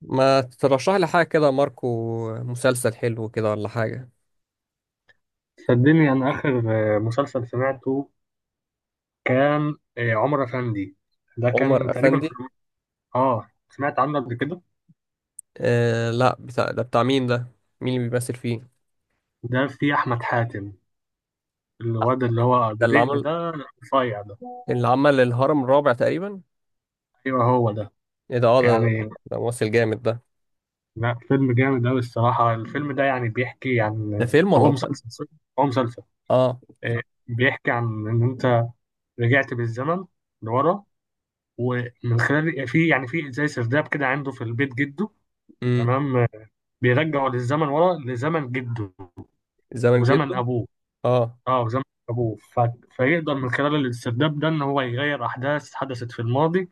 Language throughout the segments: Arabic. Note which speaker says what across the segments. Speaker 1: ما ترشح لي حاجة كده، ماركو؟ مسلسل حلو كده ولا حاجة؟
Speaker 2: صدقني أنا آخر مسلسل سمعته كان، عمر أفندي. ده
Speaker 1: عمر
Speaker 2: كان تقريبا في.
Speaker 1: أفندي؟
Speaker 2: آه، سمعت عنه قبل كده.
Speaker 1: آه، لا، بتاع ده بتاع مين ده؟ مين اللي بيمثل فيه؟
Speaker 2: ده في أحمد حاتم، الواد اللي هو
Speaker 1: ده
Speaker 2: أبو
Speaker 1: اللي
Speaker 2: دقن
Speaker 1: عمل،
Speaker 2: ده، رفيع ده.
Speaker 1: اللي عمل الهرم الرابع تقريبا؟
Speaker 2: أيوه هو ده.
Speaker 1: ايه ده، اه ده،
Speaker 2: يعني
Speaker 1: ده ممثل جامد ده.
Speaker 2: لا، فيلم جامد أوي الصراحة. الفيلم ده يعني بيحكي
Speaker 1: ده
Speaker 2: عن.
Speaker 1: فيلم ولا
Speaker 2: هو
Speaker 1: مسلسل؟
Speaker 2: مسلسل سوري. هو مسلسل،
Speaker 1: اه.
Speaker 2: آه، بيحكي عن إن أنت رجعت بالزمن لورا، ومن خلال في زي سرداب كده عنده في البيت جده.
Speaker 1: امم
Speaker 2: تمام، بيرجعه للزمن ورا، لزمن جده
Speaker 1: زمن جده.
Speaker 2: وزمن ابوه.
Speaker 1: اه.
Speaker 2: اه، وزمن ابوه. فيقدر من خلال الاسترداد ده ان هو يغير احداث حدثت في الماضي.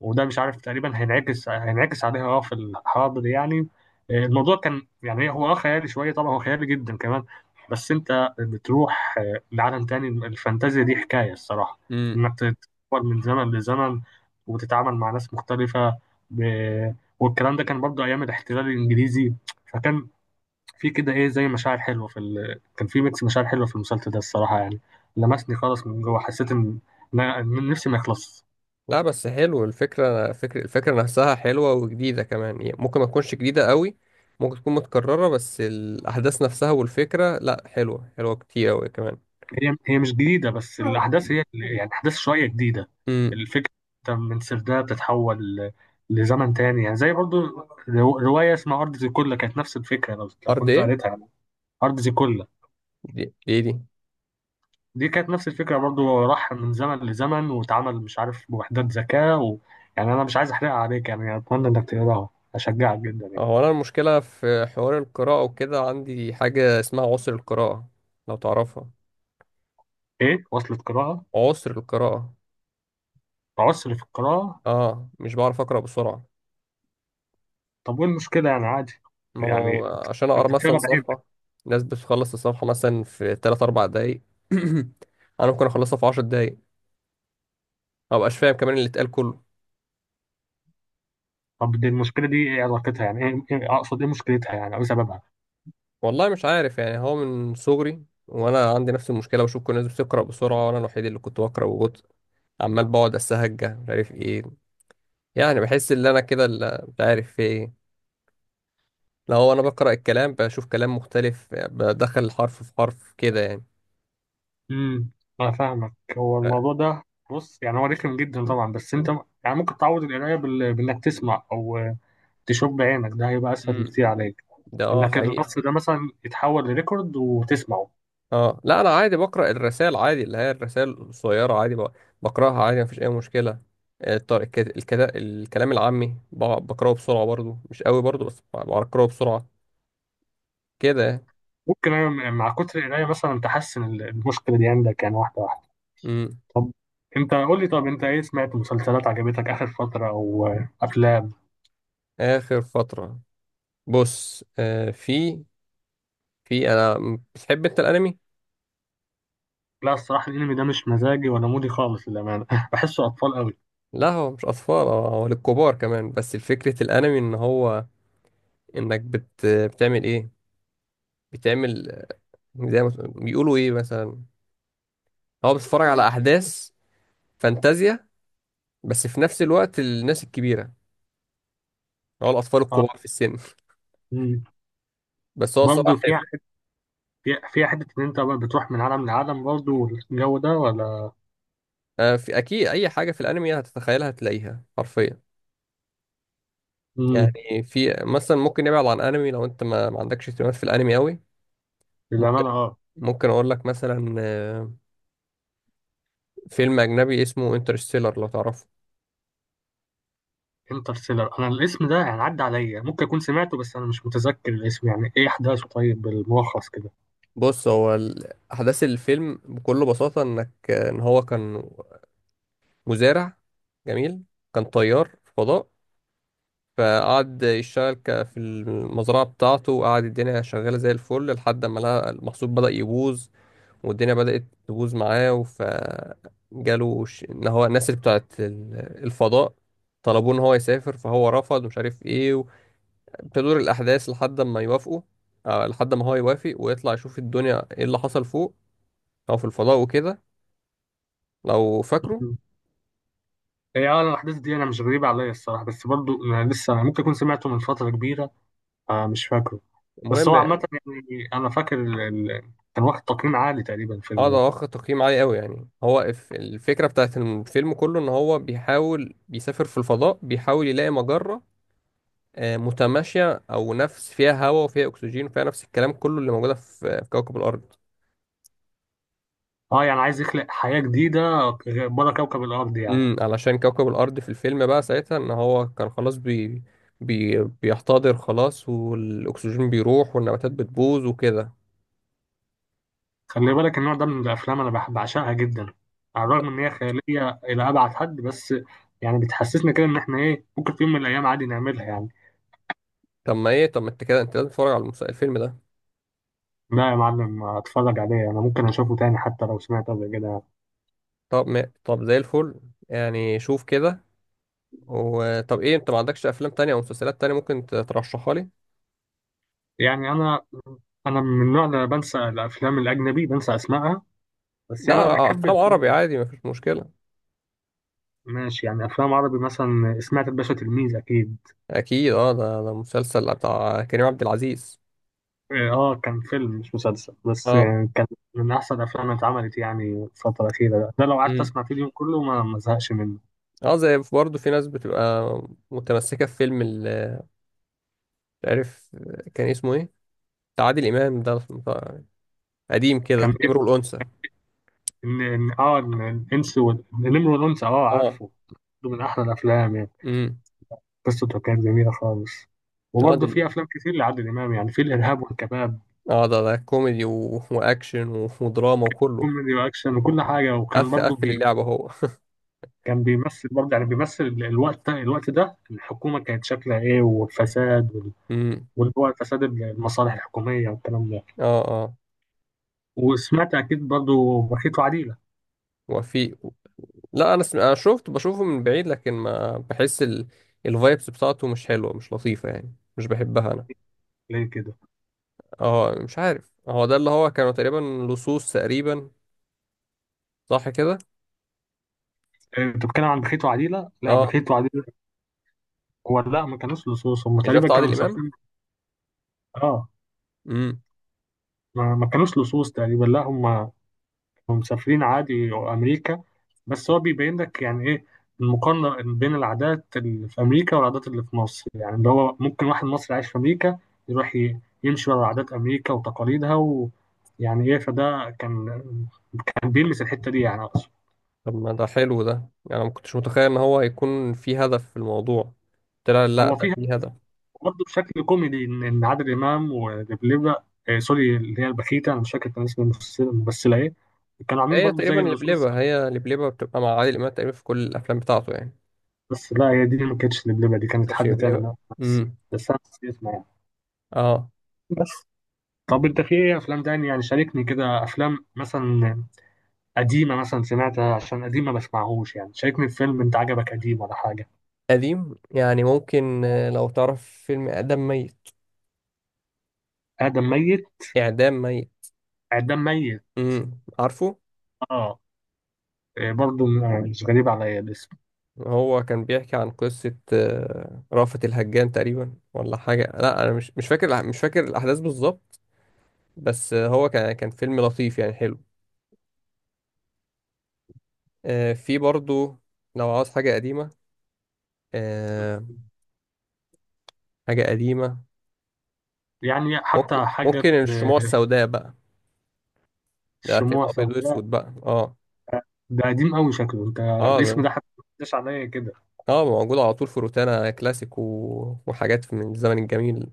Speaker 2: وده مش عارف تقريبا هينعكس عليها اه في الحاضر يعني. الموضوع كان يعني هو اه خيالي شويه، طبعا هو خيالي جدا كمان. بس انت بتروح لعالم تاني. الفانتازيا دي حكايه الصراحه،
Speaker 1: امم،
Speaker 2: انك تتحول من زمن لزمن وتتعامل مع ناس مختلفه ب... والكلام ده كان برضه ايام الاحتلال الانجليزي. فكان في كده ايه، زي مشاعر حلوه في كان في ميكس مشاعر حلوه في المسلسل ده الصراحه يعني. لمسني خالص من جوه، حسيت ان إن نفسي ما يخلص.
Speaker 1: لا، بس حلو فكرة الفكرة نفسها حلوة وجديدة كمان، يعني ممكن ما تكونش جديدة قوي. ممكن تكون متكررة، بس الأحداث نفسها والفكرة، لا، حلوة، حلوة كتير أوي كمان.
Speaker 2: هي مش جديده، بس الاحداث يعني احداث شويه جديده.
Speaker 1: مم.
Speaker 2: الفكره، أنت من سرداب لزمن تاني، يعني زي برضو روايه اسمها ارض زيكولا. كانت نفس الفكره، لو
Speaker 1: ارض
Speaker 2: كنت
Speaker 1: ايه؟
Speaker 2: قريتها يعني. ارض زيكولا
Speaker 1: دي.
Speaker 2: دي كانت نفس الفكره برضو. راح من زمن لزمن، واتعمل مش عارف بوحدات ذكاء و... يعني انا مش عايز احرقها عليك، يعني اتمنى انك تقراها، اشجعك جدا يعني.
Speaker 1: هو انا المشكله في حوار القراءه وكده، عندي حاجه اسمها عسر القراءه، لو تعرفها.
Speaker 2: ايه وصلة قراءة؟
Speaker 1: عسر القراءه.
Speaker 2: عسر في القراءة؟
Speaker 1: اه، مش بعرف اقرا بسرعه.
Speaker 2: طب وايه المشكلة يعني؟ عادي.
Speaker 1: ما هو
Speaker 2: يعني
Speaker 1: عشان اقرا
Speaker 2: انت
Speaker 1: مثلا
Speaker 2: بتقرا
Speaker 1: صفحه،
Speaker 2: بعينك.
Speaker 1: الناس بتخلص الصفحه مثلا في 3 4 دقايق. انا ممكن اخلصها في 10 دقايق. ما بقاش فاهم كمان اللي اتقال كله.
Speaker 2: طب دي المشكلة دي ايه علاقتها يعني ايه، اقصد ايه مشكلتها يعني او إيه سببها؟
Speaker 1: والله مش عارف، يعني هو من صغري وانا عندي نفس المشكله، بشوف كل الناس بتقرا بسرعه وانا الوحيد اللي كنت بقرا ببطء. عمال بقعد اسهج، مش عارف ايه. يعني بحس ان انا كده مش عارف في ايه. لو انا بقرا الكلام بشوف كلام مختلف، بدخل حرف في حرف كده يعني.
Speaker 2: امم انا فاهمك. هو الموضوع ده، بص، يعني هو رخم جدا طبعا، بس انت يعني ممكن تعوض القراية بانك تسمع او تشوف بعينك. ده هيبقى اسهل
Speaker 1: امم.
Speaker 2: بكتير عليك.
Speaker 1: ده اه،
Speaker 2: انك
Speaker 1: حقيقي.
Speaker 2: النص ده مثلا يتحول لريكورد وتسمعه.
Speaker 1: اه، لا، انا عادي بقرا الرسائل عادي، اللي هي الرسائل القصيره عادي، بقراها عادي، مفيش اي مشكله. الكلام العامي بقراه بسرعه برضو، مش قوي برضو، بس بقراه بسرعه كده يعني.
Speaker 2: ممكن انا مع كتر القراية مثلا تحسن المشكلة دي عندك يعني، واحدة واحدة.
Speaker 1: امم
Speaker 2: طب انت قول لي، طب انت ايه سمعت مسلسلات عجبتك اخر فترة، او افلام؟
Speaker 1: اخر فتره. بص، في، في انا بتحب انت الانمي؟
Speaker 2: لا الصراحة، الانمي ده مش مزاجي ولا مودي خالص للأمانة. بحسه اطفال قوي.
Speaker 1: لا، هو مش اطفال، هو للكبار كمان، بس الفكرة الانمي ان هو، انك بتعمل ايه، بتعمل، زي ما بيقولوا ايه مثلا، هو بتتفرج على احداث فانتازيا، بس في نفس الوقت الناس الكبيرة، هو الاطفال
Speaker 2: اه.
Speaker 1: الكبار في السن.
Speaker 2: مم.
Speaker 1: بس هو
Speaker 2: برضه
Speaker 1: صراحة
Speaker 2: فيها
Speaker 1: حلو.
Speaker 2: حتة، فيها حتة ان انت بقى بتروح من عالم لعالم برضه، والجو ده، ولا؟
Speaker 1: في اكيد اي حاجة في الانمي هتتخيلها هتلاقيها حرفيا.
Speaker 2: مم.
Speaker 1: يعني في مثلا، ممكن نبعد عن انمي لو انت ما عندكش اهتمامات في الانمي قوي. ممكن
Speaker 2: للأمانة اه.
Speaker 1: ممكن اقول لك مثلا فيلم اجنبي اسمه انترستيلر، لو تعرفه.
Speaker 2: انترستيلر، انا الاسم ده يعني عدى عليا. ممكن اكون سمعته، بس انا مش متذكر الاسم يعني ايه احداثه. طيب بالملخص كده.
Speaker 1: بص، هو احداث الفيلم بكل بساطه انك ان هو كان مزارع جميل، كان طيار في فضاء، فقعد يشتغل في المزرعه بتاعته، وقعد الدنيا شغاله زي الفل لحد ما لقى المحصول بدا يبوظ، والدنيا بدات تبوظ معاه، فجاله ان هو الناس اللي بتاعت الفضاء طلبوه ان هو يسافر، فهو رفض ومش عارف ايه، تدور الاحداث لحد ما يوافقوا، لحد ما هو يوافق ويطلع يشوف الدنيا ايه اللي حصل فوق او في الفضاء وكده، لو فاكره.
Speaker 2: مم. هي اه الاحداث دي انا مش غريبة عليا الصراحة، بس برضه انا لسه ممكن اكون سمعته من فترة كبيرة. آه مش فاكره. بس
Speaker 1: المهم
Speaker 2: هو عامة،
Speaker 1: يعني.
Speaker 2: يعني أنا فاكر كان واخد تقييم عالي تقريبا
Speaker 1: اه،
Speaker 2: الفيلم
Speaker 1: ده
Speaker 2: ده.
Speaker 1: واخد تقييم عالي قوي، يعني هو الفكره بتاعت الفيلم كله ان هو بيحاول بيسافر في الفضاء، بيحاول يلاقي مجره متماشيه، او نفس فيها هواء وفيها اكسجين وفيها نفس الكلام كله اللي موجوده في كوكب الارض.
Speaker 2: اه، يعني عايز يخلق حياة جديدة بره كوكب الأرض يعني.
Speaker 1: علشان كوكب الارض في الفيلم بقى ساعتها ان هو كان خلاص بي بي بيحتضر خلاص، والاكسجين بيروح والنباتات بتبوظ وكده.
Speaker 2: خلي بالك، النوع ده من الأفلام أنا بحب أعشقها جدا. على الرغم إن هي خيالية إلى أبعد حد، بس يعني بتحسسنا كده إن إحنا إيه، ممكن في يوم من الأيام عادي نعملها يعني.
Speaker 1: طب ما ايه، طب ما انت كده انت لازم تتفرج على الفيلم ده.
Speaker 2: لا يا معلم، أتفرج عليه. أنا ممكن أشوفه تاني حتى لو سمعت قبل كده.
Speaker 1: طب ما... طب زي الفل. يعني شوف كده. وطب ايه، انت ما عندكش افلام تانية او مسلسلات تانية ممكن ترشحها لي؟
Speaker 2: يعني أنا من النوع اللي بنسى الأفلام الأجنبي، بنسى أسمائها. بس
Speaker 1: لا،
Speaker 2: يعني أنا بحب
Speaker 1: افلام عربي
Speaker 2: الزومبي.
Speaker 1: عادي مفيش مشكلة.
Speaker 2: ماشي، يعني افلام عربي، مثلا سمعت الباشا تلميذ اكيد.
Speaker 1: اكيد، اه، ده مسلسل بتاع كريم عبد العزيز.
Speaker 2: اه، كان فيلم مش مسلسل، بس
Speaker 1: اه.
Speaker 2: يعني كان من احسن الافلام اللي اتعملت يعني الفتره الاخيره. ده, ده لو قعدت
Speaker 1: امم.
Speaker 2: اسمع فيه اليوم كله ما ازهقش منه.
Speaker 1: اه، زي برضه في ناس بتبقى متمسكة في فيلم مش عارف كان اسمه ايه، بتاع عادل امام ده قديم
Speaker 2: كان
Speaker 1: كده،
Speaker 2: إيه؟
Speaker 1: امرؤ الانثى.
Speaker 2: ان ان اه إن الانس النمر والانثى، اه
Speaker 1: اه.
Speaker 2: عارفه. ده من احلى الافلام يعني.
Speaker 1: امم.
Speaker 2: قصته كانت جميله خالص.
Speaker 1: اه، ده،
Speaker 2: وبرضه في افلام كتير لعادل امام، يعني في الارهاب والكباب.
Speaker 1: اه، ده كوميدي واكشن ودراما وكله.
Speaker 2: كوميدي واكشن وكل حاجه، وكان
Speaker 1: قفل
Speaker 2: برضه
Speaker 1: قفل اللعبة هو.
Speaker 2: كان بيمثل برضه يعني، بيمثل الوقت ده، الوقت ده الحكومه كانت شكلها ايه والفساد،
Speaker 1: امم.
Speaker 2: واللي هو فساد المصالح الحكومية والكلام ده.
Speaker 1: اه، اه،
Speaker 2: وسمعت أكيد برضو بخيت وعديلة.
Speaker 1: وفي، لا، انا شفت بشوفه من بعيد، لكن ما بحس الفايبس بتاعته مش حلوه، مش لطيفه، يعني مش بحبها انا.
Speaker 2: ليه كده؟
Speaker 1: اه، مش عارف، هو ده اللي هو كانوا تقريبا لصوص تقريبا. صح كده؟
Speaker 2: أنت بتتكلم عن بخيت وعديلة. لا،
Speaker 1: اه.
Speaker 2: بخيت وعديلة هو لا، ما كانوش لصوص، هم
Speaker 1: مش ده
Speaker 2: تقريبا
Speaker 1: بتاع
Speaker 2: كانوا
Speaker 1: عادل امام؟
Speaker 2: مسافرين. اه،
Speaker 1: امم
Speaker 2: ما كانوش لصوص تقريبا. لا، هم مسافرين عادي أمريكا. بس هو بيبين لك يعني إيه المقارنة بين العادات اللي في أمريكا والعادات اللي في مصر، يعني اللي هو ممكن واحد مصري عايش في أمريكا يروح يمشي ورا عادات أمريكا وتقاليدها، ويعني إيه. فده كان، كان بيلمس الحتة دي يعني.
Speaker 1: طب ما ده حلو ده يعني، أنا ما كنتش متخيل ان هو هيكون في هدف في الموضوع. طلع، لا،
Speaker 2: هو
Speaker 1: ده
Speaker 2: فيها
Speaker 1: في هدف.
Speaker 2: برضه بشكل كوميدي، ان إن عادل امام ودبليبة، آه سوري اللي هي البخيتة، انا مش فاكر كان اسم الممثلة، الممثلة ايه. كانوا عاملين
Speaker 1: هي
Speaker 2: برضه
Speaker 1: تقريبا
Speaker 2: زي اللصوص.
Speaker 1: لبلبة، هي لبلبة بتبقى مع عادل امام تقريبا في كل الافلام بتاعته يعني.
Speaker 2: بس لا، هي دي ما كانتش دبليبة، دي كانت
Speaker 1: ماشي،
Speaker 2: حد تاني.
Speaker 1: لبلبة.
Speaker 2: أنا بس
Speaker 1: امم.
Speaker 2: بس انا نسيت اسمها يعني.
Speaker 1: اه.
Speaker 2: بس طب انت في ايه افلام تاني يعني، شاركني كده افلام مثلا قديمة مثلا سمعتها، عشان قديمة ما بسمعهوش. يعني شاركني في فيلم انت عجبك قديم ولا حاجة.
Speaker 1: قديم يعني، ممكن لو تعرف فيلم إعدام ميت.
Speaker 2: ادم ميت؟
Speaker 1: إعدام ميت.
Speaker 2: ادم ميت؟
Speaker 1: امم، عارفه.
Speaker 2: اه، برضه مش غريب عليا الاسم.
Speaker 1: هو كان بيحكي عن قصة رأفت الهجان تقريبا ولا حاجة. لا، أنا مش فاكر الأحداث بالظبط. بس هو كان فيلم لطيف يعني، حلو. في برضو، لو عاوز حاجة قديمة، آه، حاجة قديمة،
Speaker 2: يعني حتى
Speaker 1: ممكن
Speaker 2: حاجة.
Speaker 1: ممكن الشموع السوداء بقى. ده فيلم
Speaker 2: الشموع
Speaker 1: أبيض
Speaker 2: سوداء؟
Speaker 1: وأسود بقى، اه.
Speaker 2: ده قديم قوي شكله، انت
Speaker 1: اه، ده،
Speaker 2: الاسم ده حتى ما عداش عليا كده.
Speaker 1: اه، موجود على طول في روتانا كلاسيك وحاجات من الزمن الجميل.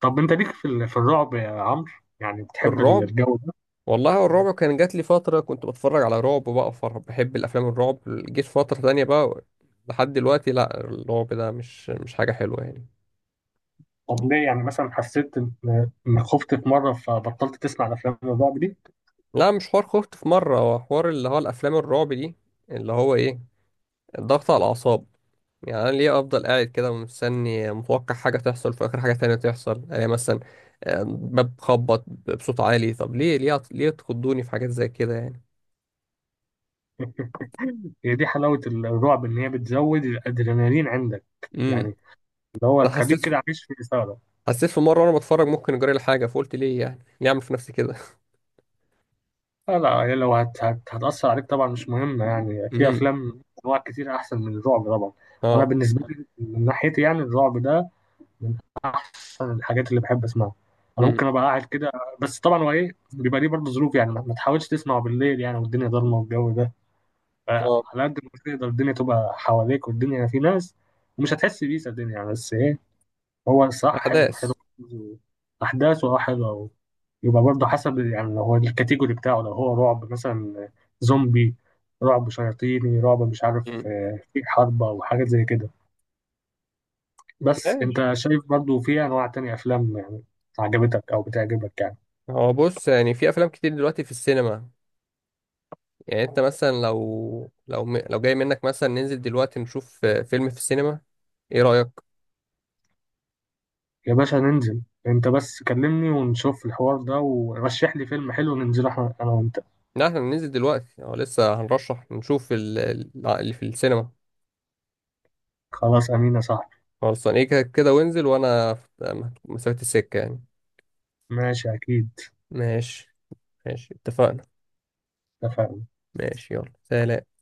Speaker 2: طب انت ليك في في الرعب يا عمرو؟ يعني بتحب
Speaker 1: الرعب؟
Speaker 2: الجو ده؟
Speaker 1: والله، هو الرعب كان جات لي فترة كنت بتفرج على رعب بقى، بحب الأفلام الرعب، جيت فترة تانية بقى. لحد دلوقتي، لا، الرعب ده مش حاجة حلوة يعني.
Speaker 2: طب ليه يعني، مثلا حسيت انك خفت في مره فبطلت تسمع افلام الرعب دي؟
Speaker 1: لا، مش حوار خفت في مرة، هو حوار اللي هو الأفلام الرعب دي، اللي هو إيه، الضغط على الأعصاب. يعني أنا ليه أفضل قاعد كده ومستني متوقع حاجة تحصل، في آخر حاجة تانية تحصل، يعني مثلا باب خبط بصوت عالي، طب ليه، ليه تخضوني في حاجات زي كده يعني.
Speaker 2: هي دي حلاوه الرعب، ان هي بتزود الادرينالين عندك، يعني
Speaker 1: امم.
Speaker 2: اللي هو
Speaker 1: أنا
Speaker 2: تخليك كده
Speaker 1: حسيت،
Speaker 2: عايش في اثاره.
Speaker 1: في مره وانا بتفرج ممكن اجري لي حاجه، فقلت ليه، يعني ليه اعمل في نفسي كده.
Speaker 2: لا يعني لو هت هت هتاثر عليك طبعا مش مهم، يعني في
Speaker 1: امم.
Speaker 2: افلام انواع كتير احسن من الرعب طبعا. انا
Speaker 1: اه.
Speaker 2: بالنسبه لي من ناحيتي، يعني الرعب ده من احسن الحاجات اللي بحب اسمعها. انا ممكن
Speaker 1: امم.
Speaker 2: ابقى قاعد كده. بس طبعا هو ايه، بيبقى ليه برضه ظروف، يعني ما تحاولش تسمعه بالليل يعني، والدنيا ضلمه والجو ده.
Speaker 1: اه.
Speaker 2: فعلى قد ما تقدر الدنيا تبقى حواليك والدنيا في ناس، ومش هتحس بيه صدقني يعني. بس ايه، هو الصراحه حلو حلو.
Speaker 1: احداث.
Speaker 2: احداثه اه حلوه. يبقى برضه حسب يعني، لو هو الكاتيجوري بتاعه لو هو رعب مثلا، زومبي، رعب شياطيني، رعب مش عارف،
Speaker 1: امم.
Speaker 2: في حرب او حاجات زي كده. بس انت
Speaker 1: ماشي.
Speaker 2: شايف برضو في انواع تانية افلام يعني عجبتك او بتعجبك يعني؟
Speaker 1: هو بص، يعني في افلام كتير دلوقتي في السينما، يعني انت مثلا لو لو جاي منك مثلا ننزل دلوقتي نشوف فيلم في السينما، ايه رايك؟
Speaker 2: يا باشا ننزل. انت بس كلمني ونشوف الحوار ده ورشح لي فيلم حلو ننزله احنا انا وانت.
Speaker 1: لا، احنا ننزل دلوقتي، اه، لسه هنرشح نشوف اللي في السينما.
Speaker 2: خلاص امين يا صاحبي.
Speaker 1: خلصان، ايه كده كده، وانزل وانا في مسافه السكه يعني.
Speaker 2: ماشي اكيد.
Speaker 1: ماشي. ماشي، اتفقنا.
Speaker 2: اتفقنا.
Speaker 1: ماشي، يلا، سلام.